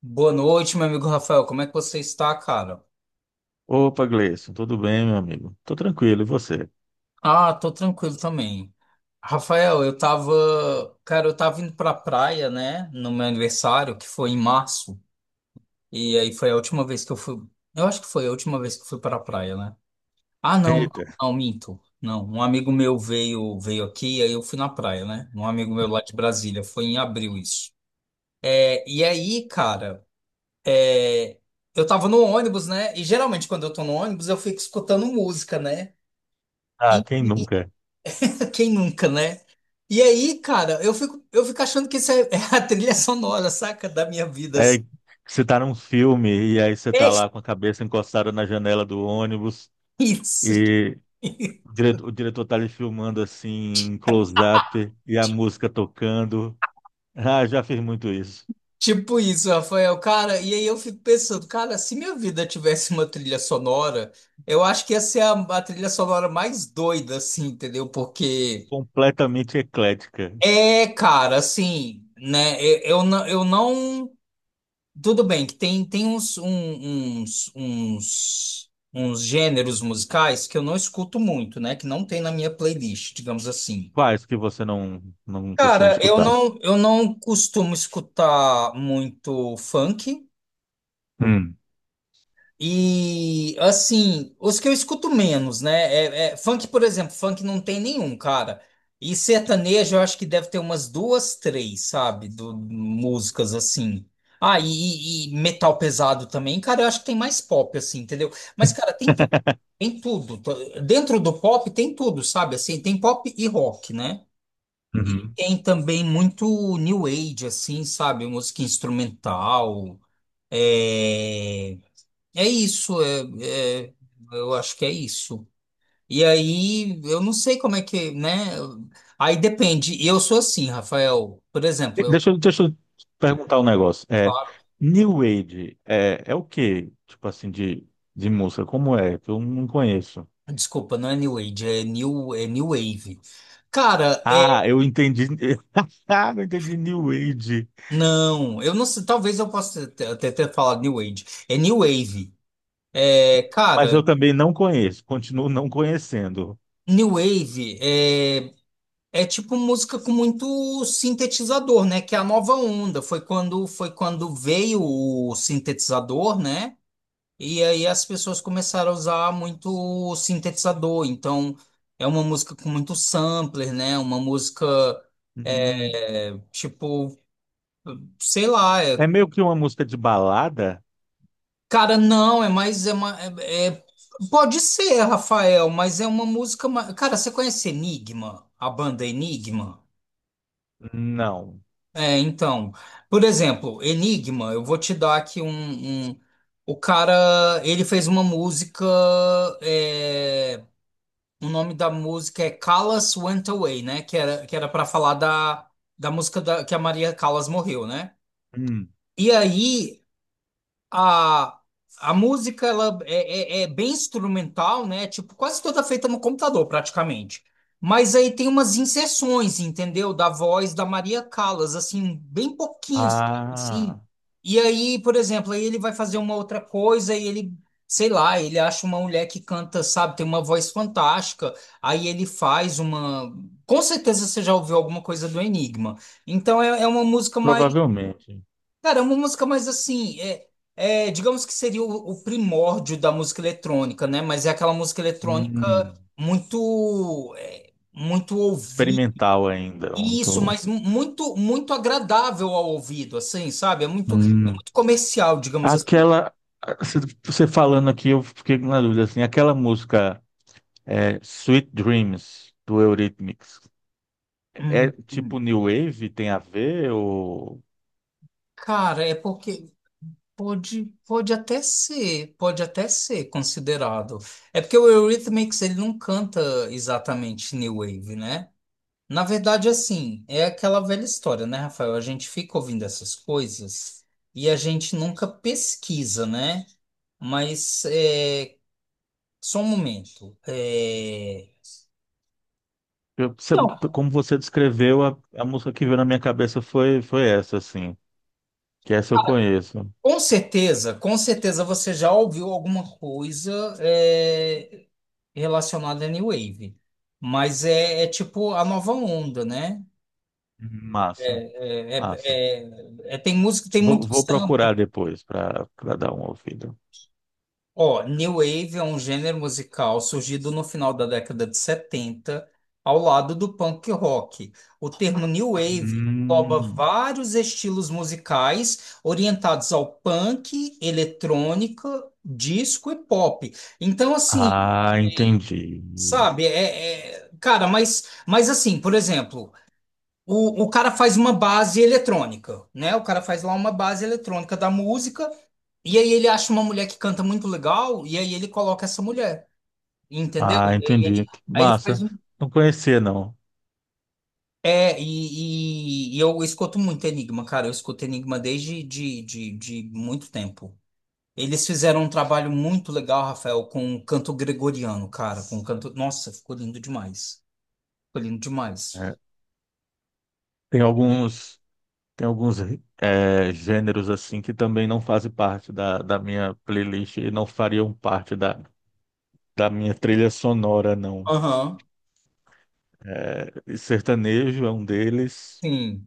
Boa noite, meu amigo Rafael. Como é que você está, cara? Opa, Gleison, tudo bem, meu amigo? Tô tranquilo, e você? Ah, tô tranquilo também. Rafael, cara, eu tava indo pra praia, né, no meu aniversário, que foi em março. E aí foi a última vez que eu fui, eu acho que foi a última vez que eu fui pra praia, né? Ah, não, Eita, não, minto. Não, um amigo meu veio aqui, aí eu fui na praia, né? Um amigo meu lá de Brasília, foi em abril isso. É, e aí, cara, é, eu tava no ônibus, né? E geralmente quando eu tô no ônibus, eu fico escutando música, né? ah, quem nunca? Quem nunca, né? E aí, cara, eu fico achando que isso é, é a trilha sonora, saca? Da minha vida, assim. É, que você tá num filme e aí você tá É lá com a cabeça encostada na janela do ônibus isso. e o diretor tá lhe filmando assim, em close-up e a música tocando. Ah, já fiz muito isso. Tipo isso, Rafael. Cara, e aí eu fico pensando, cara, se minha vida tivesse uma trilha sonora, eu acho que ia ser a trilha sonora mais doida, assim, entendeu? Porque Completamente eclética. Cara, assim, né? Eu não. Eu não. Tudo bem, que tem, tem uns, um- uns, uns, uns gêneros musicais que eu não escuto muito, né? Que não tem na minha playlist, digamos assim. Quais que você não costuma Cara, eu escutar? não, eu não costumo escutar muito funk. Hum. E assim, os que eu escuto menos, né? Funk, por exemplo, funk não tem nenhum, cara. E sertanejo eu acho que deve ter umas duas, três, sabe? Do, músicas assim. Ah, e, e metal pesado também, cara, eu acho que tem mais pop, assim, entendeu? Mas, cara, tem tudo, tem tudo. Dentro do pop tem tudo, sabe? Assim, tem pop e rock, né? E tem também muito new age, assim, sabe? Música instrumental. É. É isso, é- eu acho que é isso. E aí, eu não sei como é que, né? Aí depende. E eu sou assim, Rafael. Por exemplo, eu. Deixa, deixa eu te perguntar um negócio. É, Claro. New Age é, é o quê? Tipo assim, de música, como é? Que eu não conheço. Desculpa, não é New Age, é New Wave. Cara, Ah, é. eu entendi. Ah, eu entendi New Age. Não, eu não sei. Talvez eu possa até ter falado New Age. É New Wave. É, Mas eu cara, também não conheço, continuo não conhecendo. New Wave é. É tipo música com muito sintetizador, né? Que é a nova onda. Foi quando veio o sintetizador, né? E aí as pessoas começaram a usar muito sintetizador, então é uma música com muito sampler, né? Uma música Hum, é, tipo, sei lá, é meio que uma música de balada? cara, não, é mais é uma pode ser, Rafael, mas é uma música, cara, você conhece Enigma, a banda Enigma? Não. É, então, por exemplo, Enigma, eu vou te dar aqui um, um. O cara, ele fez uma música, é. O nome da música é Callas Went Away, né? Que era para falar da, da música da, que a Maria Callas morreu, né? Hum, E aí a, a música ela é, é bem instrumental, né? Tipo, quase toda feita no computador, praticamente. Mas aí tem umas inserções, entendeu? Da voz da Maria Callas, assim, bem pouquinho, sabe? Assim. ah, E aí, por exemplo, aí ele vai fazer uma outra coisa e ele, sei lá, ele acha uma mulher que canta, sabe, tem uma voz fantástica. Aí ele faz uma. Com certeza você já ouviu alguma coisa do Enigma. Então é, é uma música. provavelmente. Cara, é uma música mais assim, é, é, digamos que seria o primórdio da música eletrônica, né? Mas é aquela música eletrônica Hum, muito, é, muito ouvir experimental ainda. isso, Muito. mas muito, muito agradável ao ouvido, assim, sabe? É muito comercial, digamos assim. Aquela, se- você falando aqui, eu fiquei na dúvida, assim, aquela música é, Sweet Dreams, do Eurythmics, é Uhum. tipo New Wave, tem a ver, ou... Cara, é porque pode até ser considerado. É porque o Eurythmics ele não canta exatamente New Wave, né? Na verdade, assim, é aquela velha história, né, Rafael? A gente fica ouvindo essas coisas e a gente nunca pesquisa, né? Mas é, só um momento. É. Eu, sabe, Não, como você descreveu, a música que veio na minha cabeça foi, foi essa, assim, que essa eu conheço. Com certeza você já ouviu alguma coisa é, relacionada à New Wave. Mas é, é tipo a nova onda, né? Massa, É, é- massa. Tem música, tem Vou, muitos. vou procurar depois para dar uma ouvida. Ó, New Wave é um gênero musical surgido no final da década de 70, ao lado do punk rock. O termo New Wave engloba Hum, vários estilos musicais orientados ao punk, eletrônica, disco e pop. Então, assim, ah, entendi. sabe, cara, mas assim, por exemplo, o cara faz uma base eletrônica, né? O cara faz lá uma base eletrônica da música, e aí ele acha uma mulher que canta muito legal, e aí ele coloca essa mulher, entendeu? E Ah, entendi. aí ele faz Massa. um. Não conhecia, não. É, e, e eu escuto muito Enigma, cara. Eu escuto Enigma desde de muito tempo. Eles fizeram um trabalho muito legal, Rafael, com o canto gregoriano, cara. Com o canto. Nossa, ficou lindo demais. Ficou lindo demais. É. Tem alguns, tem alguns é, gêneros assim que também não fazem parte da minha playlist e não fariam parte da minha trilha sonora, não. Aham, E sertanejo é um deles. sim.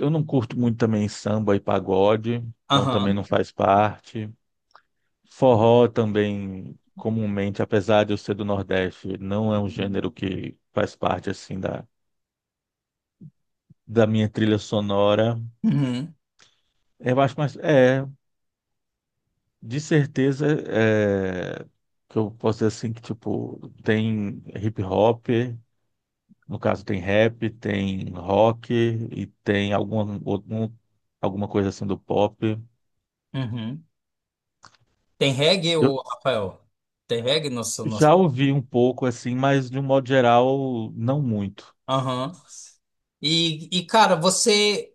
Eu não curto muito também samba e pagode, então também Aham. não faz parte. Forró também, comumente, apesar de eu ser do Nordeste, não é um gênero que faz parte assim da minha trilha sonora. Uhum, Eu acho mais. É. De certeza, é, que eu posso dizer assim que tipo tem hip hop, no caso tem rap, tem rock e tem alguma coisa assim do pop. uhum. Tem reggae, Eu ô, Rafael? Tem reggae no seu... no já seu. ouvi um pouco assim, mas de um modo geral não muito. Aham. E, cara, você,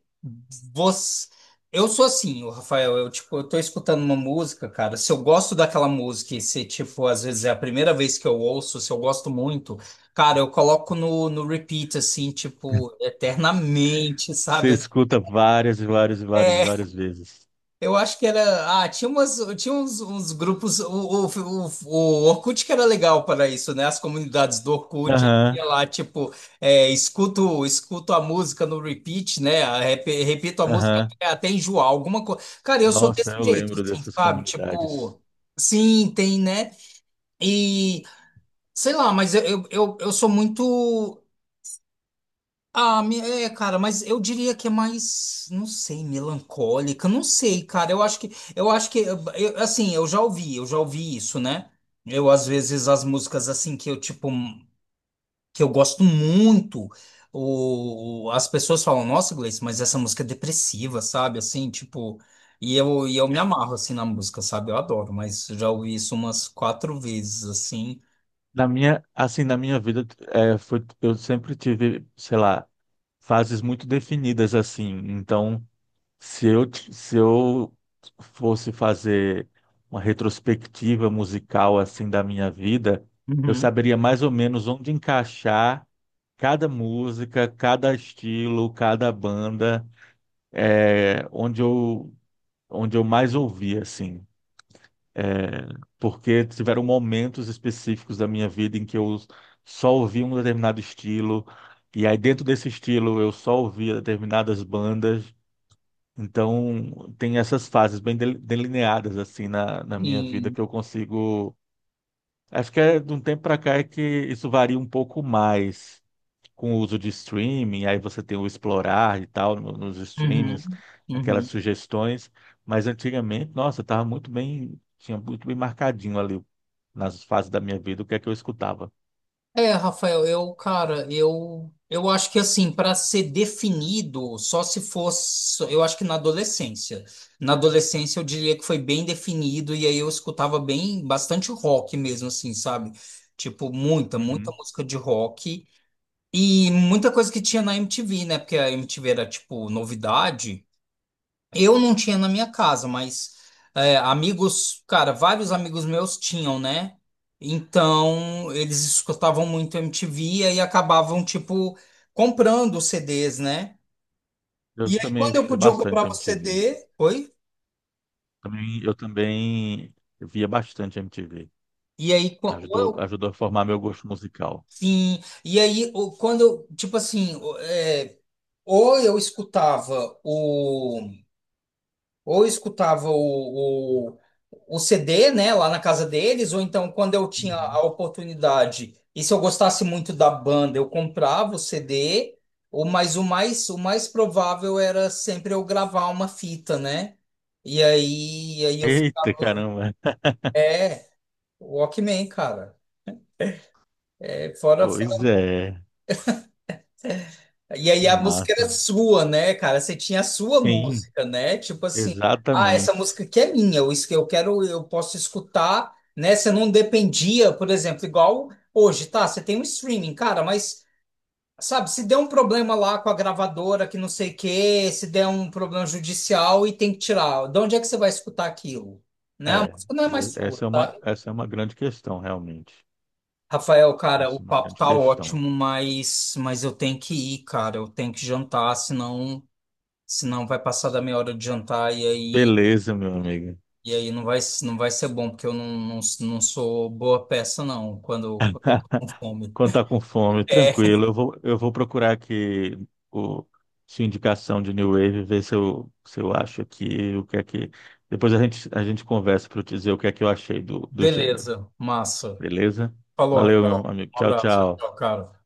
você. Eu sou assim, o Rafael. Eu, tipo, eu tô escutando uma música, cara. Se eu gosto daquela música e se, tipo, às vezes é a primeira vez que eu ouço, se eu gosto muito, cara, eu coloco no, no repeat, assim, tipo, eternamente, Você sabe? escuta várias, e várias, e várias, e É. várias vezes. Eu acho que era. Ah, tinha uns grupos. O Orkut que era legal para isso, né? As comunidades do Orkut. Aham, Ia lá, tipo, é, escuto, escuto a música no repeat, né? Repito a música aham. até, até enjoar, alguma coisa. Cara, eu sou Nossa, desse eu jeito, lembro assim, dessas sabe? comunidades. Tipo, sim, tem, né? E sei lá, mas eu sou muito. Ah, é, cara, mas eu diria que é mais, não sei, melancólica, não sei, cara. Eu acho que, assim, eu já ouvi isso, né? Eu às vezes as músicas assim que eu tipo que eu gosto muito, o, as pessoas falam, nossa, Gleice, mas essa música é depressiva, sabe? Assim, tipo, e eu me amarro assim na música, sabe? Eu adoro, mas já ouvi isso umas quatro vezes assim. Na minha, assim, na minha vida, é, foi, eu sempre tive, sei lá, fases muito definidas, assim. Então, se eu, se eu fosse fazer uma retrospectiva musical, assim, da minha vida, eu Uhum. saberia mais ou menos onde encaixar cada música, cada estilo, cada banda, é, onde eu mais ouvia, assim. Porque tiveram momentos específicos da minha vida em que eu só ouvia um determinado estilo, e aí dentro desse estilo eu só ouvia determinadas bandas. Então, tem essas fases bem delineadas assim na minha vida Sim. que eu consigo. Acho que é de um tempo para cá é que isso varia um pouco mais com o uso de streaming, aí você tem o explorar e tal nos streamings, Uhum. aquelas Uhum. sugestões, mas antigamente, nossa, estava muito bem, tinha muito bem marcadinho ali nas fases da minha vida o que é que eu escutava. É, Rafael, eu, cara, eu acho que assim, para ser definido, só se fosse, eu acho que na adolescência. Na adolescência eu diria que foi bem definido e aí eu escutava bem, bastante rock mesmo assim, sabe? Tipo, muita, muita Uhum. música de rock e muita coisa que tinha na MTV, né? Porque a MTV era tipo novidade. Eu não tinha na minha casa, mas é, amigos, cara, vários amigos meus tinham, né? Então eles escutavam muito MTV e aí acabavam, tipo, comprando os CDs, né? Eu E aí também quando eu escutei podia, eu bastante comprava o MTV. CD, oi. Também, eu também via bastante MTV. E aí, ou Ajudou, eu. ajudou a formar meu gosto musical. Sim. E aí, quando, eu, tipo assim, é, ou eu escutava ou eu escutava o CD, né, lá na casa deles, ou então quando eu tinha Uhum. a oportunidade, e se eu gostasse muito da banda, eu comprava o CD, ou, mas o mais provável era sempre eu gravar uma fita, né? E aí, aí eu. Eita, caramba. É, Walkman, cara. É, fora. Pois é, E que aí a música era massa. sua, né, cara? Você tinha a sua Sim, música, né? Tipo assim, ah, essa exatamente. música aqui é minha, eu quero, eu posso escutar, né? Você não dependia, por exemplo, igual hoje, tá? Você tem um streaming, cara, mas sabe, se der um problema lá com a gravadora, que não sei o quê, se der um problema judicial e tem que tirar, de onde é que você vai escutar aquilo? Né? A É, música não é mais sua, tá? essa é uma grande questão, realmente. Rafael, cara, o Essa é uma papo grande tá questão. ótimo, mas eu tenho que ir, cara. Eu tenho que jantar, senão. Senão vai passar da meia hora de jantar Beleza, meu amigo. e aí não vai, não vai ser bom, porque eu não, não, não sou boa peça, não, quando eu tô com fome. Quando tá com fome, É, tranquilo. Eu vou procurar aqui o, sua indicação de New Wave, ver se eu, se eu acho aqui o que é que. Depois a gente conversa para eu te dizer o que é que eu achei do, do gênero. beleza, massa. Beleza? Falou, Valeu, Rafael. meu amigo. Um Tchau, abraço, tchau. tchau, cara.